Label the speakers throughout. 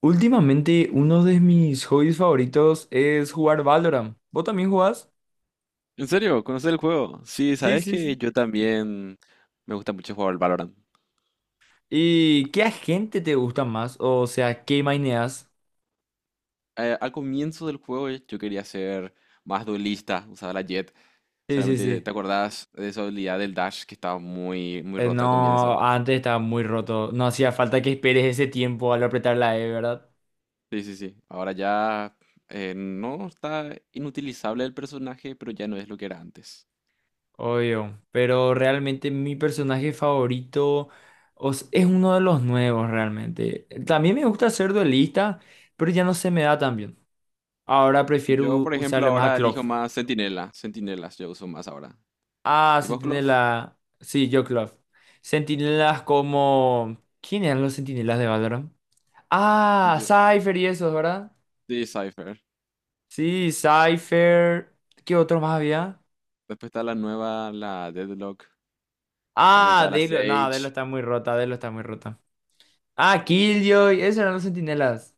Speaker 1: Últimamente, uno de mis hobbies favoritos es jugar Valorant. ¿Vos también jugás?
Speaker 2: ¿En serio? ¿Conoces el juego? Sí,
Speaker 1: Sí,
Speaker 2: sabes
Speaker 1: sí,
Speaker 2: que
Speaker 1: sí.
Speaker 2: yo también me gusta mucho jugar al Valorant.
Speaker 1: ¿Y qué agente te gusta más? O sea, ¿qué maineas?
Speaker 2: Al comienzo del juego yo quería ser más duelista, usaba la Jett.
Speaker 1: Sí, sí,
Speaker 2: Solamente te
Speaker 1: sí.
Speaker 2: acordás de esa habilidad del dash que estaba muy, muy
Speaker 1: Eh,
Speaker 2: rota al
Speaker 1: no,
Speaker 2: comienzo.
Speaker 1: antes estaba muy roto. No hacía falta que esperes ese tiempo al apretar la E, ¿verdad?
Speaker 2: Sí, sí, sí. Ahora ya no está inutilizable el personaje, pero ya no es lo que era antes.
Speaker 1: Obvio. Pero realmente mi personaje favorito es uno de los nuevos, realmente. También me gusta ser duelista, pero ya no se me da tan bien. Ahora prefiero
Speaker 2: Yo, por ejemplo,
Speaker 1: usarle más a
Speaker 2: ahora
Speaker 1: Klopp.
Speaker 2: elijo más Centinela. Centinelas yo uso más ahora.
Speaker 1: Ah,
Speaker 2: ¿Y vos, Clof?
Speaker 1: Sentinela. Sí, yo Club. Sentinelas como. ¿Quién eran los sentinelas de Valorant? Ah,
Speaker 2: Yo-
Speaker 1: Cypher y esos, ¿verdad?
Speaker 2: Sí, Cypher.
Speaker 1: Sí, Cypher. ¿Qué otro más había?
Speaker 2: Después está la nueva, la Deadlock. También
Speaker 1: Ah,
Speaker 2: estaba la
Speaker 1: Delo. No, Delo
Speaker 2: Sage.
Speaker 1: está muy rota, Delo está muy rota. Ah, Killjoy. Esos eran los sentinelas.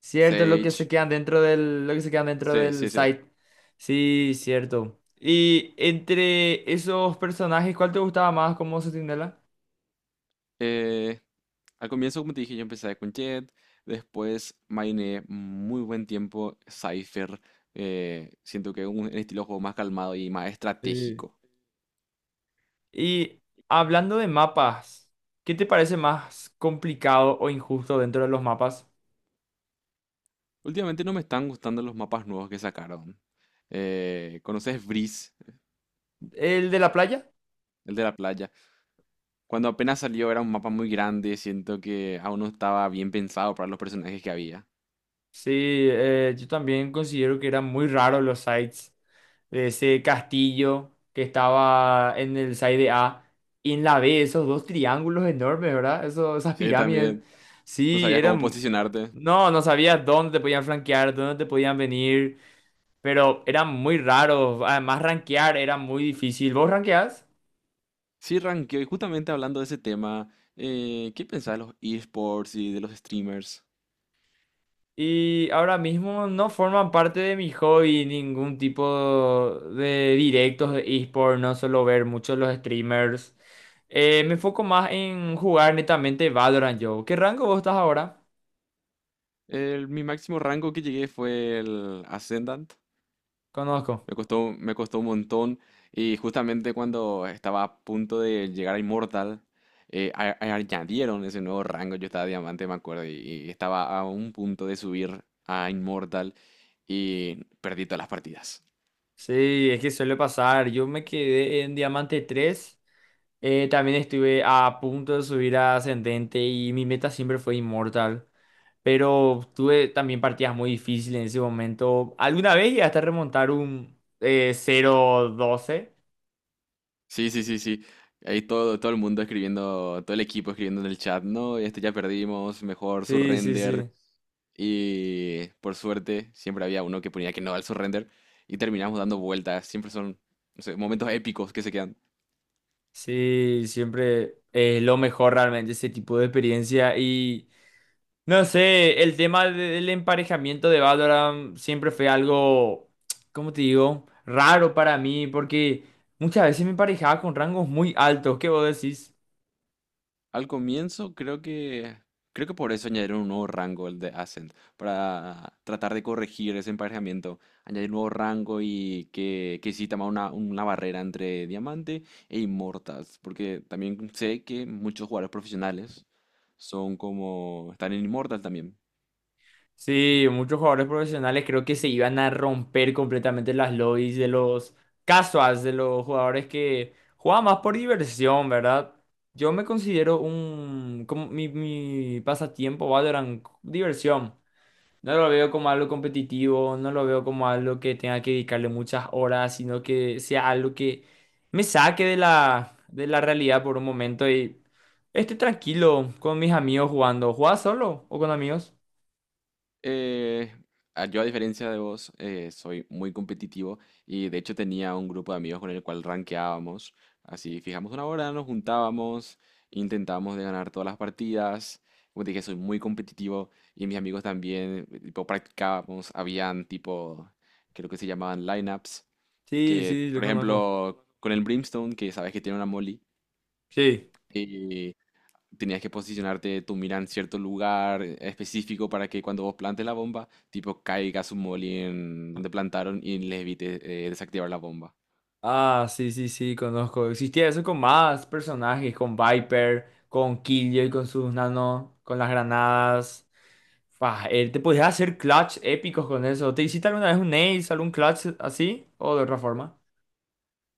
Speaker 1: Cierto, lo que se
Speaker 2: Sage.
Speaker 1: quedan dentro del. Lo que se quedan dentro
Speaker 2: Sí,
Speaker 1: del
Speaker 2: sí, sí.
Speaker 1: site. Sí, cierto. Y entre esos personajes, ¿cuál te gustaba más como sentinela?
Speaker 2: Eh, Al comienzo, como te dije, yo empecé con Jet. Después maineé muy buen tiempo Cypher. Siento que es un estilo de juego más calmado y más
Speaker 1: Sí.
Speaker 2: estratégico.
Speaker 1: Y hablando de mapas, ¿qué te parece más complicado o injusto dentro de los mapas?
Speaker 2: Últimamente no me están gustando los mapas nuevos que sacaron. ¿Conoces Breeze,
Speaker 1: ¿El de la playa?
Speaker 2: el de la playa? Cuando apenas salió era un mapa muy grande. Siento que aún no estaba bien pensado para los personajes que había.
Speaker 1: Sí, yo también considero que eran muy raros los sites de ese castillo que estaba en el site de A y en la B, esos dos triángulos enormes, ¿verdad? Esas
Speaker 2: Sí,
Speaker 1: pirámides.
Speaker 2: también. No
Speaker 1: Sí,
Speaker 2: sabías cómo
Speaker 1: eran.
Speaker 2: posicionarte.
Speaker 1: No, no sabías dónde te podían flanquear, dónde te podían venir, pero eran muy raros. Además, rankear era muy difícil. ¿Vos rankeás?
Speaker 2: Sí, ranqueo. Y justamente hablando de ese tema, ¿qué pensás de los esports y de los streamers?
Speaker 1: Y ahora mismo no forman parte de mi hobby ningún tipo de directos de eSport, no suelo ver mucho los streamers. Me enfoco más en jugar netamente Valorant yo. ¿Qué rango vos estás ahora?
Speaker 2: Mi máximo rango que llegué fue el Ascendant.
Speaker 1: Conozco.
Speaker 2: Me costó un montón. Y justamente cuando estaba a punto de llegar a Immortal, añadieron ese nuevo rango. Yo estaba diamante, me acuerdo, y estaba a un punto de subir a Immortal y perdí todas las partidas.
Speaker 1: Sí, es que suele pasar. Yo me quedé en Diamante tres. También estuve a punto de subir a Ascendente y mi meta siempre fue Inmortal. Pero tuve también partidas muy difíciles en ese momento. Alguna vez llegué hasta remontar un 0-12.
Speaker 2: Sí, sí, sí, sí. Ahí todo el mundo escribiendo, todo el equipo escribiendo en el chat, no, este ya perdimos, mejor
Speaker 1: Sí, sí,
Speaker 2: surrender.
Speaker 1: sí.
Speaker 2: Y por suerte, siempre había uno que ponía que no al surrender. Y terminamos dando vueltas. Siempre son, no sé, momentos épicos que se quedan.
Speaker 1: Sí, siempre es lo mejor realmente ese tipo de experiencia. Y no sé, el del emparejamiento de Valorant siempre fue algo, ¿cómo te digo? Raro para mí, porque muchas veces me emparejaba con rangos muy altos. ¿Qué vos decís?
Speaker 2: Al comienzo creo que por eso añadieron un nuevo rango el de Ascent para tratar de corregir ese emparejamiento, añadir un nuevo rango y que exista más una barrera entre diamante e inmortals, porque también sé que muchos jugadores profesionales son como están en inmortal también.
Speaker 1: Sí, muchos jugadores profesionales creo que se iban a romper completamente las lobbies de los casuals, de los jugadores que juegan más por diversión, ¿verdad? Yo me considero un, como mi pasatiempo, Valorant, diversión. No lo veo como algo competitivo, no lo veo como algo que tenga que dedicarle muchas horas, sino que sea algo que me saque de la realidad por un momento y esté tranquilo con mis amigos jugando. ¿Juegas solo o con amigos?
Speaker 2: Eh, yo, a diferencia de vos, soy muy competitivo y de hecho tenía un grupo de amigos con el cual rankeábamos. Así, fijamos una hora, nos juntábamos, intentábamos de ganar todas las partidas. Como te dije, soy muy competitivo y mis amigos también, tipo, practicábamos. Habían, tipo, creo que se llamaban lineups,
Speaker 1: Sí,
Speaker 2: que,
Speaker 1: sí, lo
Speaker 2: por
Speaker 1: conozco.
Speaker 2: ejemplo, con el Brimstone, que sabes que tiene una molly,
Speaker 1: Sí.
Speaker 2: tenías que posicionarte tu mira en cierto lugar específico para que cuando vos plantes la bomba, tipo caiga su molly en donde plantaron y les evite desactivar la bomba.
Speaker 1: Ah, sí, sí, sí, conozco. Existía eso con más personajes, con Viper, con Killjoy, con sus nano, con las granadas. Fah, te podías hacer clutch épicos con eso. ¿Te hiciste alguna vez un ace, algún clutch así? ¿O de otra forma?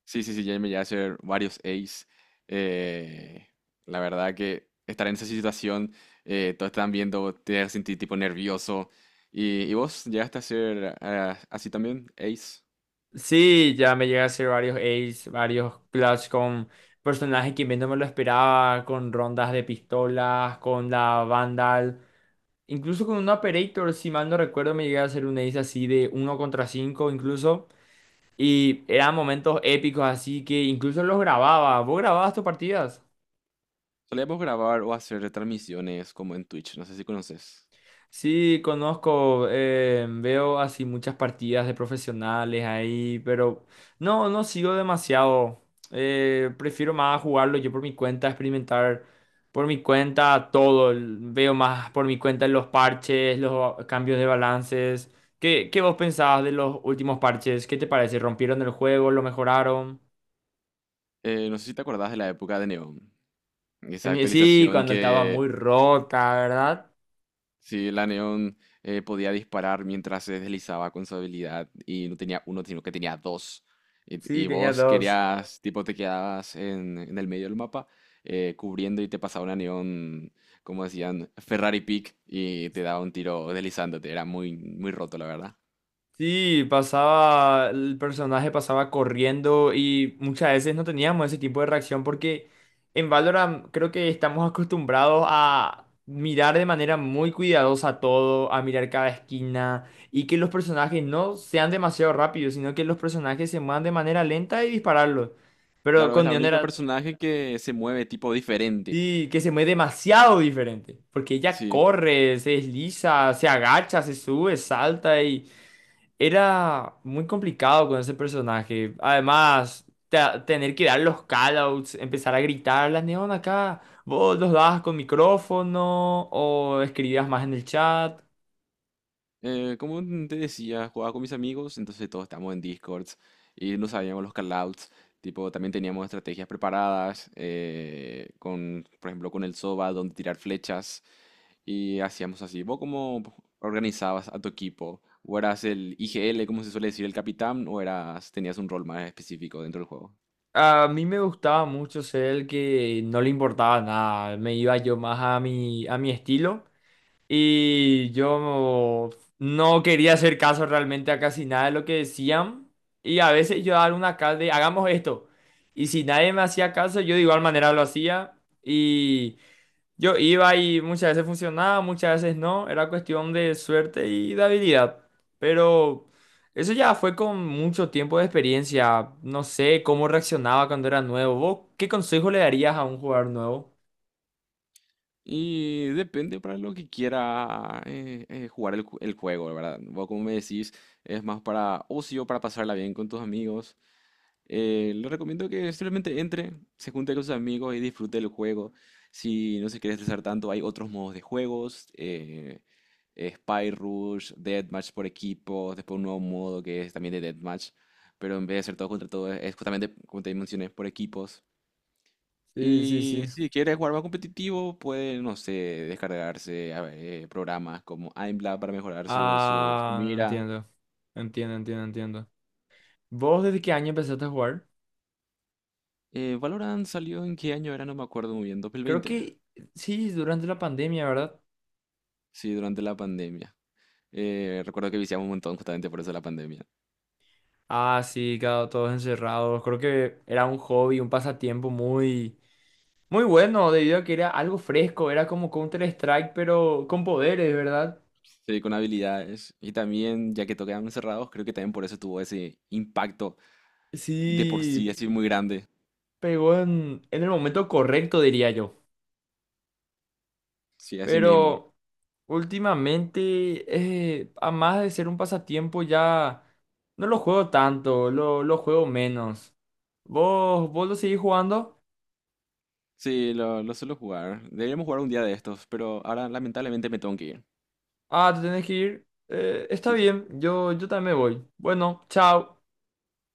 Speaker 2: Sí, sí, sí, ya me llegué a hacer varios ace. Eh, la verdad que estar en esa situación, todos están viendo, te sentí tipo nervioso. Y vos llegaste a hacer ah, así también, ace?
Speaker 1: Sí, ya me llegué a hacer varios ace, varios clutch con personajes que menos me lo esperaba, con rondas de pistolas, con la Vandal. Incluso con un operator, si mal no recuerdo, me llegué a hacer un ace así de uno contra 5, incluso. Y eran momentos épicos, así que incluso los grababa. ¿Vos grababas tus partidas?
Speaker 2: Solíamos grabar o hacer transmisiones como en Twitch, no sé si conoces.
Speaker 1: Sí, conozco, veo así muchas partidas de profesionales ahí, pero no, no sigo demasiado. Prefiero más jugarlo yo por mi cuenta, experimentar por mi cuenta todo. Veo más por mi cuenta los parches, los cambios de balances. ¿Qué vos pensabas de los últimos parches? ¿Qué te parece? ¿Rompieron el juego? ¿Lo mejoraron?
Speaker 2: No sé si te acordás de la época de Neon. Esa
Speaker 1: Sí,
Speaker 2: actualización
Speaker 1: cuando estaba
Speaker 2: que
Speaker 1: muy rota, ¿verdad?
Speaker 2: sí, la Neon podía disparar mientras se deslizaba con su habilidad y no tenía uno, sino que tenía dos.
Speaker 1: Sí,
Speaker 2: Y
Speaker 1: tenía
Speaker 2: vos
Speaker 1: dos.
Speaker 2: querías, tipo, te quedabas en el medio del mapa cubriendo y te pasaba una Neon, como decían, Ferrari Peak y te daba un tiro deslizándote. Era muy, muy roto, la verdad.
Speaker 1: Sí, pasaba, el personaje pasaba corriendo y muchas veces no teníamos ese tipo de reacción porque en Valorant creo que estamos acostumbrados a mirar de manera muy cuidadosa todo, a mirar cada esquina y que los personajes no sean demasiado rápidos, sino que los personajes se muevan de manera lenta y dispararlos. Pero
Speaker 2: Claro, es
Speaker 1: con
Speaker 2: la
Speaker 1: Neon
Speaker 2: única
Speaker 1: era,
Speaker 2: personaje que se mueve tipo diferente.
Speaker 1: sí, que se mueve demasiado diferente porque ella
Speaker 2: Sí.
Speaker 1: corre, se desliza, se agacha, se sube, salta y. Era muy complicado con ese personaje. Además, tener que dar los callouts, empezar a gritar, la neón acá, vos los dabas con micrófono o escribías más en el chat.
Speaker 2: Como te decía, jugaba con mis amigos, entonces todos estábamos en Discords y no sabíamos los callouts. Tipo, también teníamos estrategias preparadas, con, por ejemplo, con el Soba, donde tirar flechas. Y hacíamos así. ¿Vos cómo organizabas a tu equipo? ¿O eras el IGL, como se suele decir, el capitán? ¿O eras, tenías un rol más específico dentro del juego?
Speaker 1: A mí me gustaba mucho ser el que no le importaba nada, me iba yo más a mi estilo. Y yo no quería hacer caso realmente a casi nada de lo que decían. Y a veces yo daba una acá de, hagamos esto. Y si nadie me hacía caso, yo de igual manera lo hacía. Y yo iba y muchas veces funcionaba, muchas veces no. Era cuestión de suerte y de habilidad. Pero eso ya fue con mucho tiempo de experiencia. No sé cómo reaccionaba cuando era nuevo. ¿Vos qué consejo le darías a un jugador nuevo?
Speaker 2: Y depende para lo que quiera jugar el juego, ¿verdad? Vos, como me decís, es más para ocio, para pasarla bien con tus amigos. Le recomiendo que simplemente entre, se junte con sus amigos y disfrute el juego. Si no se quiere estresar tanto, hay otros modos de juegos. Spy Rush, Deathmatch por equipo, después un nuevo modo que es también de Deathmatch. Pero en vez de ser todo contra todo, es justamente, como te mencioné, por equipos.
Speaker 1: Sí, sí,
Speaker 2: Y
Speaker 1: sí.
Speaker 2: si quieres jugar más competitivo, puede, no sé, descargarse a ver, programas como aimbla para mejorar su
Speaker 1: Ah,
Speaker 2: mira.
Speaker 1: entiendo. Entiendo, entiendo, entiendo. ¿Vos desde qué año empezaste a jugar?
Speaker 2: Valorant salió en qué año era, no me acuerdo muy bien,
Speaker 1: Creo
Speaker 2: 2020.
Speaker 1: que sí, durante la pandemia, ¿verdad?
Speaker 2: Sí, durante la pandemia. Recuerdo que viciamos un montón justamente por eso la pandemia.
Speaker 1: Ah, sí, claro, todos encerrados. Creo que era un hobby, un pasatiempo muy, muy bueno, debido a que era algo fresco, era como Counter-Strike, pero con poderes, ¿verdad?
Speaker 2: Sí, con habilidades. Y también, ya que tocaban encerrados, creo que también por eso tuvo ese impacto de por
Speaker 1: Sí,
Speaker 2: sí, así muy grande.
Speaker 1: pegó en el momento correcto, diría yo.
Speaker 2: Sí, así mismo.
Speaker 1: Pero últimamente, a más de ser un pasatiempo, ya no lo juego tanto, lo juego menos. ¿Vos lo seguís jugando?
Speaker 2: Sí, lo suelo jugar. Deberíamos jugar un día de estos, pero ahora lamentablemente me tengo que ir.
Speaker 1: Ah, te tenés que ir. Está
Speaker 2: Sí, sí.
Speaker 1: bien, yo también me voy. Bueno, chao.